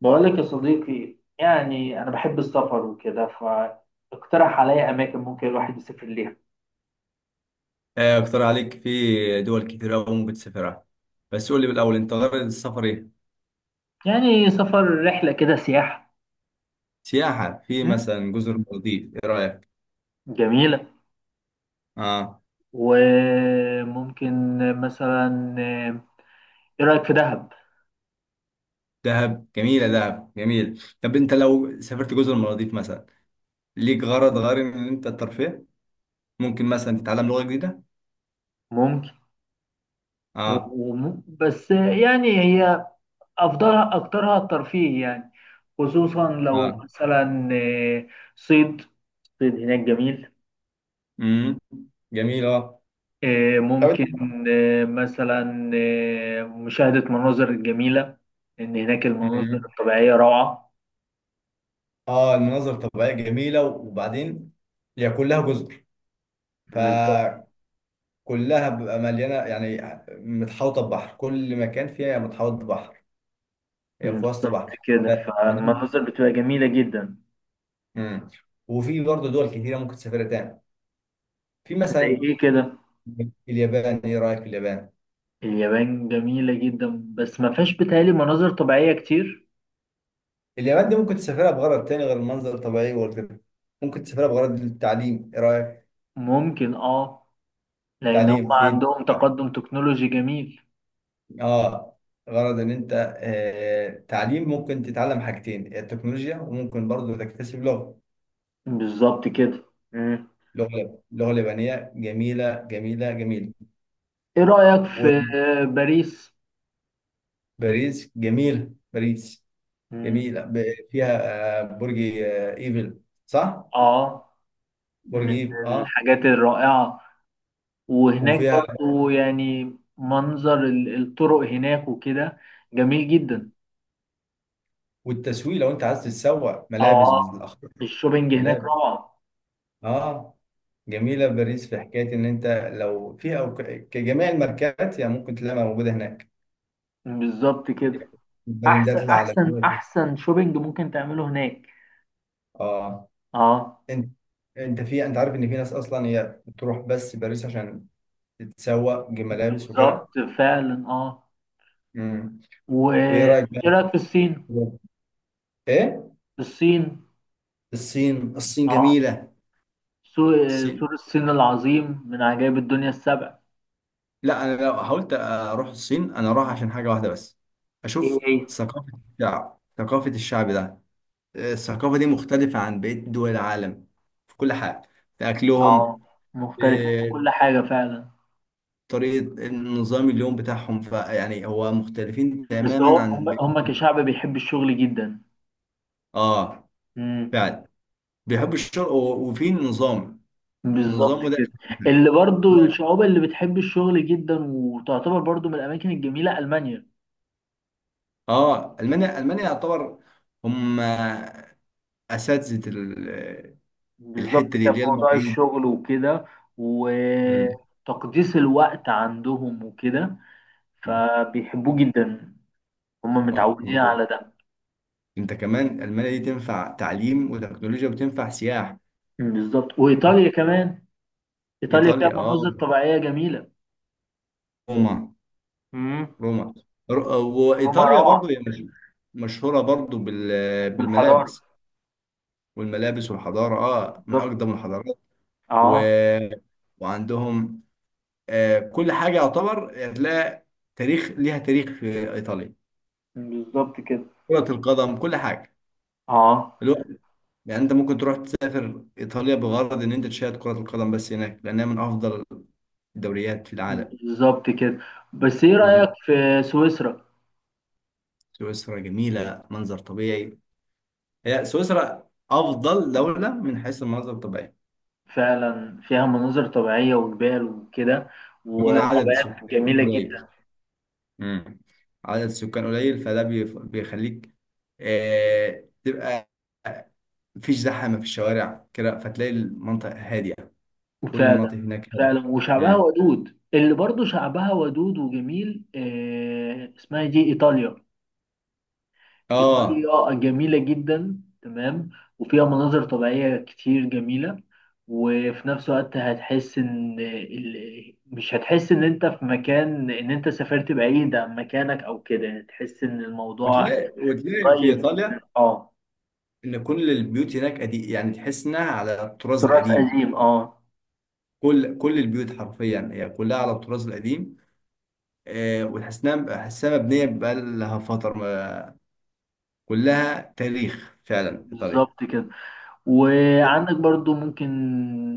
بقول لك يا صديقي، يعني أنا بحب السفر وكده، فاقترح عليا أماكن ممكن الواحد يسافر ليها. آه، اقترح عليك في دول كتير أوي ممكن تسافرها. بس قول لي بالأول أنت غرض السفر إيه؟ يعني سفر رحلة كده سياحة. سياحة في مم. مثلا جزر المالديف إيه رأيك؟ جميلة. آه، وممكن مثلا، إيه رأيك في دهب؟ دهب جميلة، دهب جميل. طب أنت لو سافرت جزر المالديف مثلا ليك غرض غير إن أنت الترفيه؟ ممكن مثلا تتعلم لغة جديدة؟ ممكن. آه. بس يعني هي أفضلها أكترها الترفيه، يعني خصوصا لو آه. مثلا صيد صيد هناك جميل. امم جميل، آه. إيه، طب أنت. ممكن. إيه، مثلا، إيه، مشاهدة مناظر جميلة، إن هناك المناظر امم الطبيعية روعة. المناظر الطبيعية جميلة، وبعدين هي كلها جزر. ف بالظبط. كلها بيبقى مليانه، يعني متحوطه ببحر، كل مكان فيها متحوط ببحر. هي في وسط بالظبط بحر. كده، ف... فدي. فالمناظر بتبقى جميلة جدا. مم. وفي برضه دول كتيره ممكن تسافرها تاني. في زي مثلا إيه كده؟ اليابان، ايه رايك في اليابان؟ اليابان جميلة جدا، بس ما فيهاش بتهيألي مناظر طبيعية كتير. اليابان دي ممكن تسافرها بغرض تاني غير المنظر الطبيعي والكده، ممكن تسافرها بغرض التعليم، ايه رايك؟ ممكن، آه. لأن هم تعليم في، عندهم تقدم تكنولوجي جميل. اه، غرض ان انت تعليم، ممكن تتعلم حاجتين: التكنولوجيا، وممكن برضه تكتسب لغه بالظبط كده. مم. لغه لغه اليابانيه جميله جميله جميله. إيه رأيك في باريس؟ وباريس جميلة، باريس مم. جميلة، فيها برج ايفل، صح؟ آه، برج من ايفل، اه. الحاجات الرائعة. وهناك وفيها برضو، يعني، منظر الطرق هناك وكده جميل جدا. والتسويق لو انت عايز تتسوق ملابس اه، بالاخر، الشوبينج هناك ملابس، روعة. اه، جميلة باريس. في حكاية ان انت لو فيها أو كجميع الماركات يعني ممكن تلاقيها موجودة هناك، بالظبط كده. البراندات احسن احسن العالمية. احسن شوبينج ممكن تعمله هناك. اه، اه. انت انت في، انت عارف ان في ناس اصلا هي بتروح بس باريس عشان تتسوق ملابس بالظبط وكده. فعلا، اه. امم. وايه وايه رايك بقى؟ رايك في الصين؟ ايه؟ الصين. الصين. الصين اه، جميلة. الصين. سور الصين العظيم من عجائب الدنيا السبع. لا، أنا لو حاولت أروح الصين أنا أروح عشان حاجة واحدة بس: ايه أشوف ايه. ثقافة الشعب، ثقافة الشعب ده، الثقافة دي مختلفة عن بقية دول العالم، في كل حاجة، في اه، أكلهم، مختلفين في كل في حاجة فعلا. طريقة النظام اليوم بتاعهم. فيعني هو مختلفين بس هو تماما هم عن هم بقية. كشعب بيحب الشغل جدا. آه، مم. فعلا بيحبوا الشرق وفي نظام، بالظبط النظام ده. كده. اللي برضو الشعوب اللي بتحب الشغل جدا، وتعتبر برضو من الأماكن الجميلة ألمانيا. اه، المانيا، المانيا يعتبر هم اساتذه بالظبط الحته دي كده، في اللي هي موضوع المواعيد. الشغل وكده مم. وتقديس الوقت عندهم وكده، فبيحبوه جدا. هم آه. متعودين على ده. انت كمان المانيا دي تنفع تعليم وتكنولوجيا وتنفع سياحه. بالظبط وإيطاليا كمان. إيطاليا فيها ايطاليا، اه. مناظر طبيعية جميلة. روما. مم. روما. روما وايطاليا روعة. برضو هي مشهوره برضو بالحضارة. بالملابس، والملابس والحضاره، اه، من بالظبط. اقدم الحضارات. و... اه. وعندهم آه كل حاجه يعتبر هتلاقي تاريخ ليها، تاريخ في ايطاليا. بالظبط كده. كره القدم، كل حاجه. اه. يعني انت ممكن تروح تسافر ايطاليا بغرض ان انت تشاهد كرة القدم بس هناك لانها من افضل الدوريات في العالم. بالظبط كده. بس ايه رأيك مم. في سويسرا؟ سويسرا جميلة، منظر طبيعي. هي سويسرا افضل دولة من حيث المناظر الطبيعية. فعلا فيها مناظر طبيعية وجبال وكده، كمان عدد وغابات سكان جميلة جدا. قليل. مم. عدد سكان قليل، فده بيخليك تبقى مفيش زحمة في الشوارع كده، فتلاقي المنطقة هادية، كل فعلا. المناطق هناك هادية. فعلا، وشعبها مم. ودود. اللي برضو شعبها ودود وجميل. آه، اسمها إيه دي؟ إيطاليا. اه، إيطاليا جميلة جدا، تمام. وفيها مناظر طبيعية كتير جميلة. وفي نفس الوقت هتحس إن مش هتحس إن أنت في مكان، إن أنت سافرت بعيد عن مكانك أو كده. تحس إن الموضوع وتلاقي في قريب ايطاليا جدا، أه. ان كل البيوت هناك قديم، يعني تحس انها على الطراز تراث القديم. قديم، أه. كل البيوت حرفيا هي كلها على الطراز القديم. آه، وتحس انها حاسها مبنيه بقى لها فتره، كلها تاريخ فعلا ايطاليا. بالظبط كده. وعندك برضو ممكن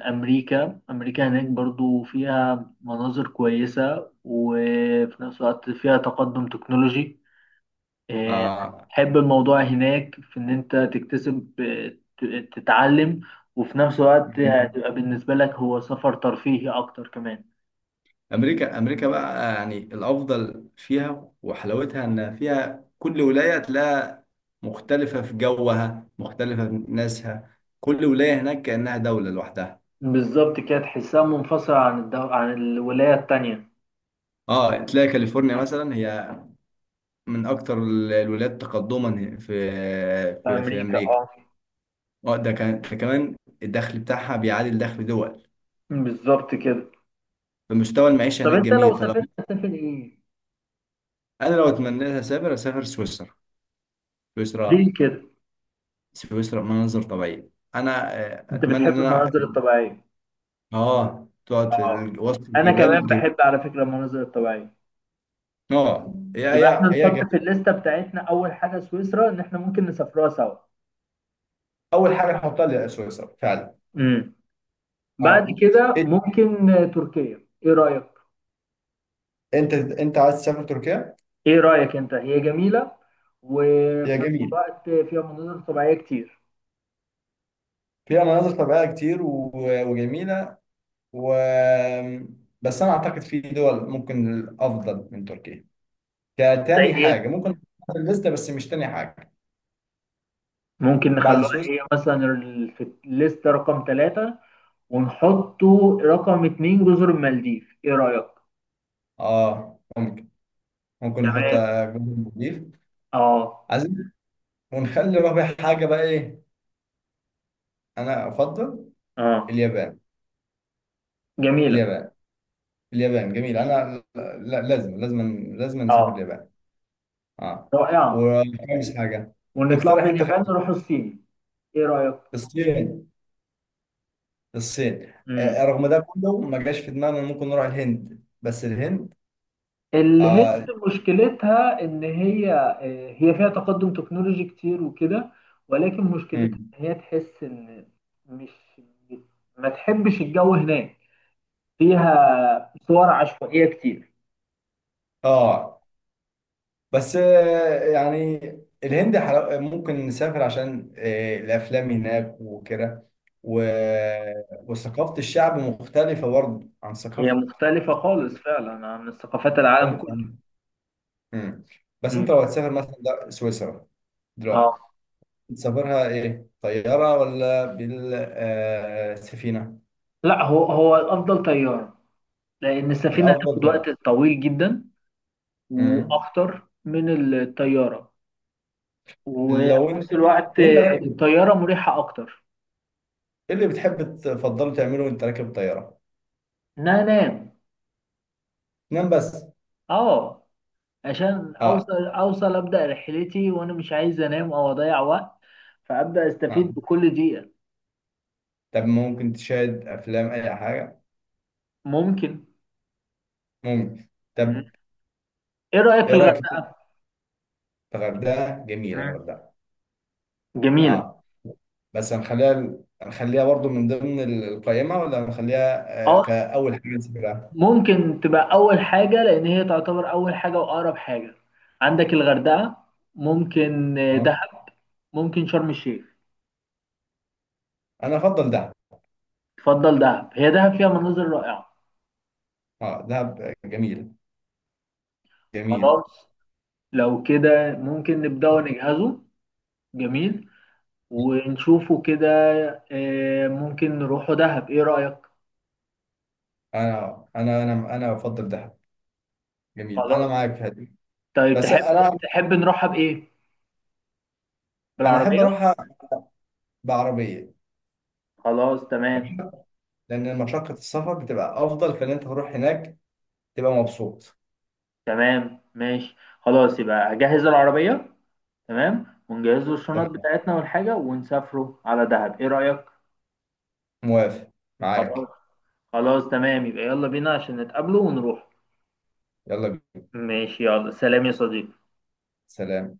أمريكا. أمريكا هناك برضو فيها مناظر كويسة، وفي نفس الوقت فيها تقدم تكنولوجي. آه، آه. حب الموضوع هناك في إن أنت تكتسب، تتعلم. وفي نفس الوقت هتبقى بالنسبة لك هو سفر ترفيهي أكتر كمان. امريكا، امريكا بقى يعني الافضل فيها وحلاوتها ان فيها كل ولايه تلاقيها مختلفه في جوها، مختلفه في ناسها، كل ولايه هناك كانها دوله لوحدها. بالظبط كده، تحسها منفصلة عن عن الولاية التانية. اه، تلاقي كاليفورنيا مثلا هي من اكتر الولايات تقدما في، في في أمريكا، امريكا. اه. اه، ده كان، ده كمان الدخل بتاعها بيعادل دخل دول. بالظبط كده. فمستوى المعيشه طب هناك أنت لو جميل. فلو، سافرت هتسافر إيه؟ انا لو اتمنى لها اسافر، اسافر سويسرا. سويسرا. ليه كده؟ سويسرا مناظر طبيعيه. انا انت اتمنى بتحب ان انا، المناظر الطبيعيه؟ اه، تقعد في اه. وسط انا الجبال، كمان الجبال. بحب على فكره المناظر الطبيعيه. اه، هي يبقى احنا هي هي نحط في جميل. الليسته بتاعتنا اول حاجه سويسرا، ان احنا ممكن نسافرها سوا. اول حاجه احطها لي سويسرا فعلا. امم. بعد اه. كده إيه- ممكن، تركيا، ايه رايك؟ انت عايز تسافر تركيا؟ ايه رايك انت؟ هي جميله، هي وفي نفس جميل الوقت فيها مناظر طبيعيه كتير. فيها مناظر طبيعيه كتير وجميله، و بس انا اعتقد في دول ممكن افضل من تركيا، زي كتاني ايه؟ حاجه ممكن نحطها في الليسته، بس مش تاني حاجه، ممكن بعد نخلوها سويسرا. هي مثلا في الليسته رقم 3. ونحطه رقم 2 جزر المالديف، ايه رأيك؟ اه، ممكن. ممكن نحط تمام. جزر المالديف. اه. عايزين ونخلي رابع حاجه بقى ايه؟ انا افضل اه، اليابان. جميلة. اليابان. اليابان جميل. انا لا، لازم لازم لازم نسافر اه، اليابان. اه. رائعة. وخامس حاجه، ونطلع اقترح من انت اليابان خامس. نروح الصين. ايه رأيك؟ الصين. الصين، امم. رغم ده كله ما جاش في دماغنا إن ممكن نروح الهند. بس الهند، الهند آه، مشكلتها ان هي، هي فيها تقدم تكنولوجي كتير وكده، ولكن مشكلتها مم. ان هي تحس ان مش، ما تحبش الجو هناك. فيها صور عشوائية كتير. اه، بس يعني الهند ممكن نسافر عشان الافلام هناك وكده. و... وثقافة الشعب مختلفة برضه عن هي ثقافة، مختلفة خالص فعلا عن ثقافات العالم مختلفة كله. عن... مم. بس امم، انت لو هتسافر مثلا ده سويسرا دلوقتي، اه. تسافرها ايه، طيارة ولا بالسفينة؟ لا، هو الافضل طيارة، لان السفينة الافضل هتاخد وقت طيارة. طويل جدا مم. واخطر من الطيارة. وفي لو انت، نفس الوقت وانت راكب، الطيارة مريحة أكتر. ايه اللي بتحب تفضله تعمله وانت راكب الطيارة؟ إن أنا أنام، نام بس؟ أه. عشان أوصل اه. أوصل أبدأ رحلتي وأنا مش عايز أنام أو أضيع وقت، فأبدأ أستفيد آه. بكل دقيقة. طب ممكن تشاهد افلام، اي حاجه. ممكن. ممكن. مم. طب إيه رأيك في ايه رايك في الغردقة؟ الغردقه؟ جميله مم. الغردقه. جميلة. اه. بس هنخليها، هنخليها برضو من ضمن القائمه، ولا هنخليها أه، كاول حاجه نسافرها؟ ممكن تبقى أول حاجة، لأن هي تعتبر أول حاجة وأقرب حاجة. عندك الغردقة، ممكن اه، دهب، ممكن شرم الشيخ. انا افضل دهب. تفضل دهب؟ هي دهب فيها مناظر رائعة. اه، دهب جميل. جميل. خلاص، لو كده ممكن نبدأ نجهزه. جميل، ونشوفه كده. آه، ممكن نروحوا دهب، ايه رأيك؟ انا بفضل دهب. جميل، انا خلاص. معاك في هذه. طيب بس تحب، انا، تحب نروحها بإيه؟ انا احب بالعربية. اروحها بعربيه، خلاص تمام. لان مشقه السفر بتبقى افضل فان انت تروح هناك تبقى مبسوط. تمام ماشي. خلاص يبقى أجهز العربية. تمام، ونجهز له الشنط تمام، بتاعتنا والحاجة، ونسافروا على دهب، ايه رأيك؟ موافق، خلاص. معاك. خلاص تمام، يبقى يلا بينا عشان نتقابلوا ونروح. يلا بينا. ماشي. يلا سلام يا صديقي. سلام.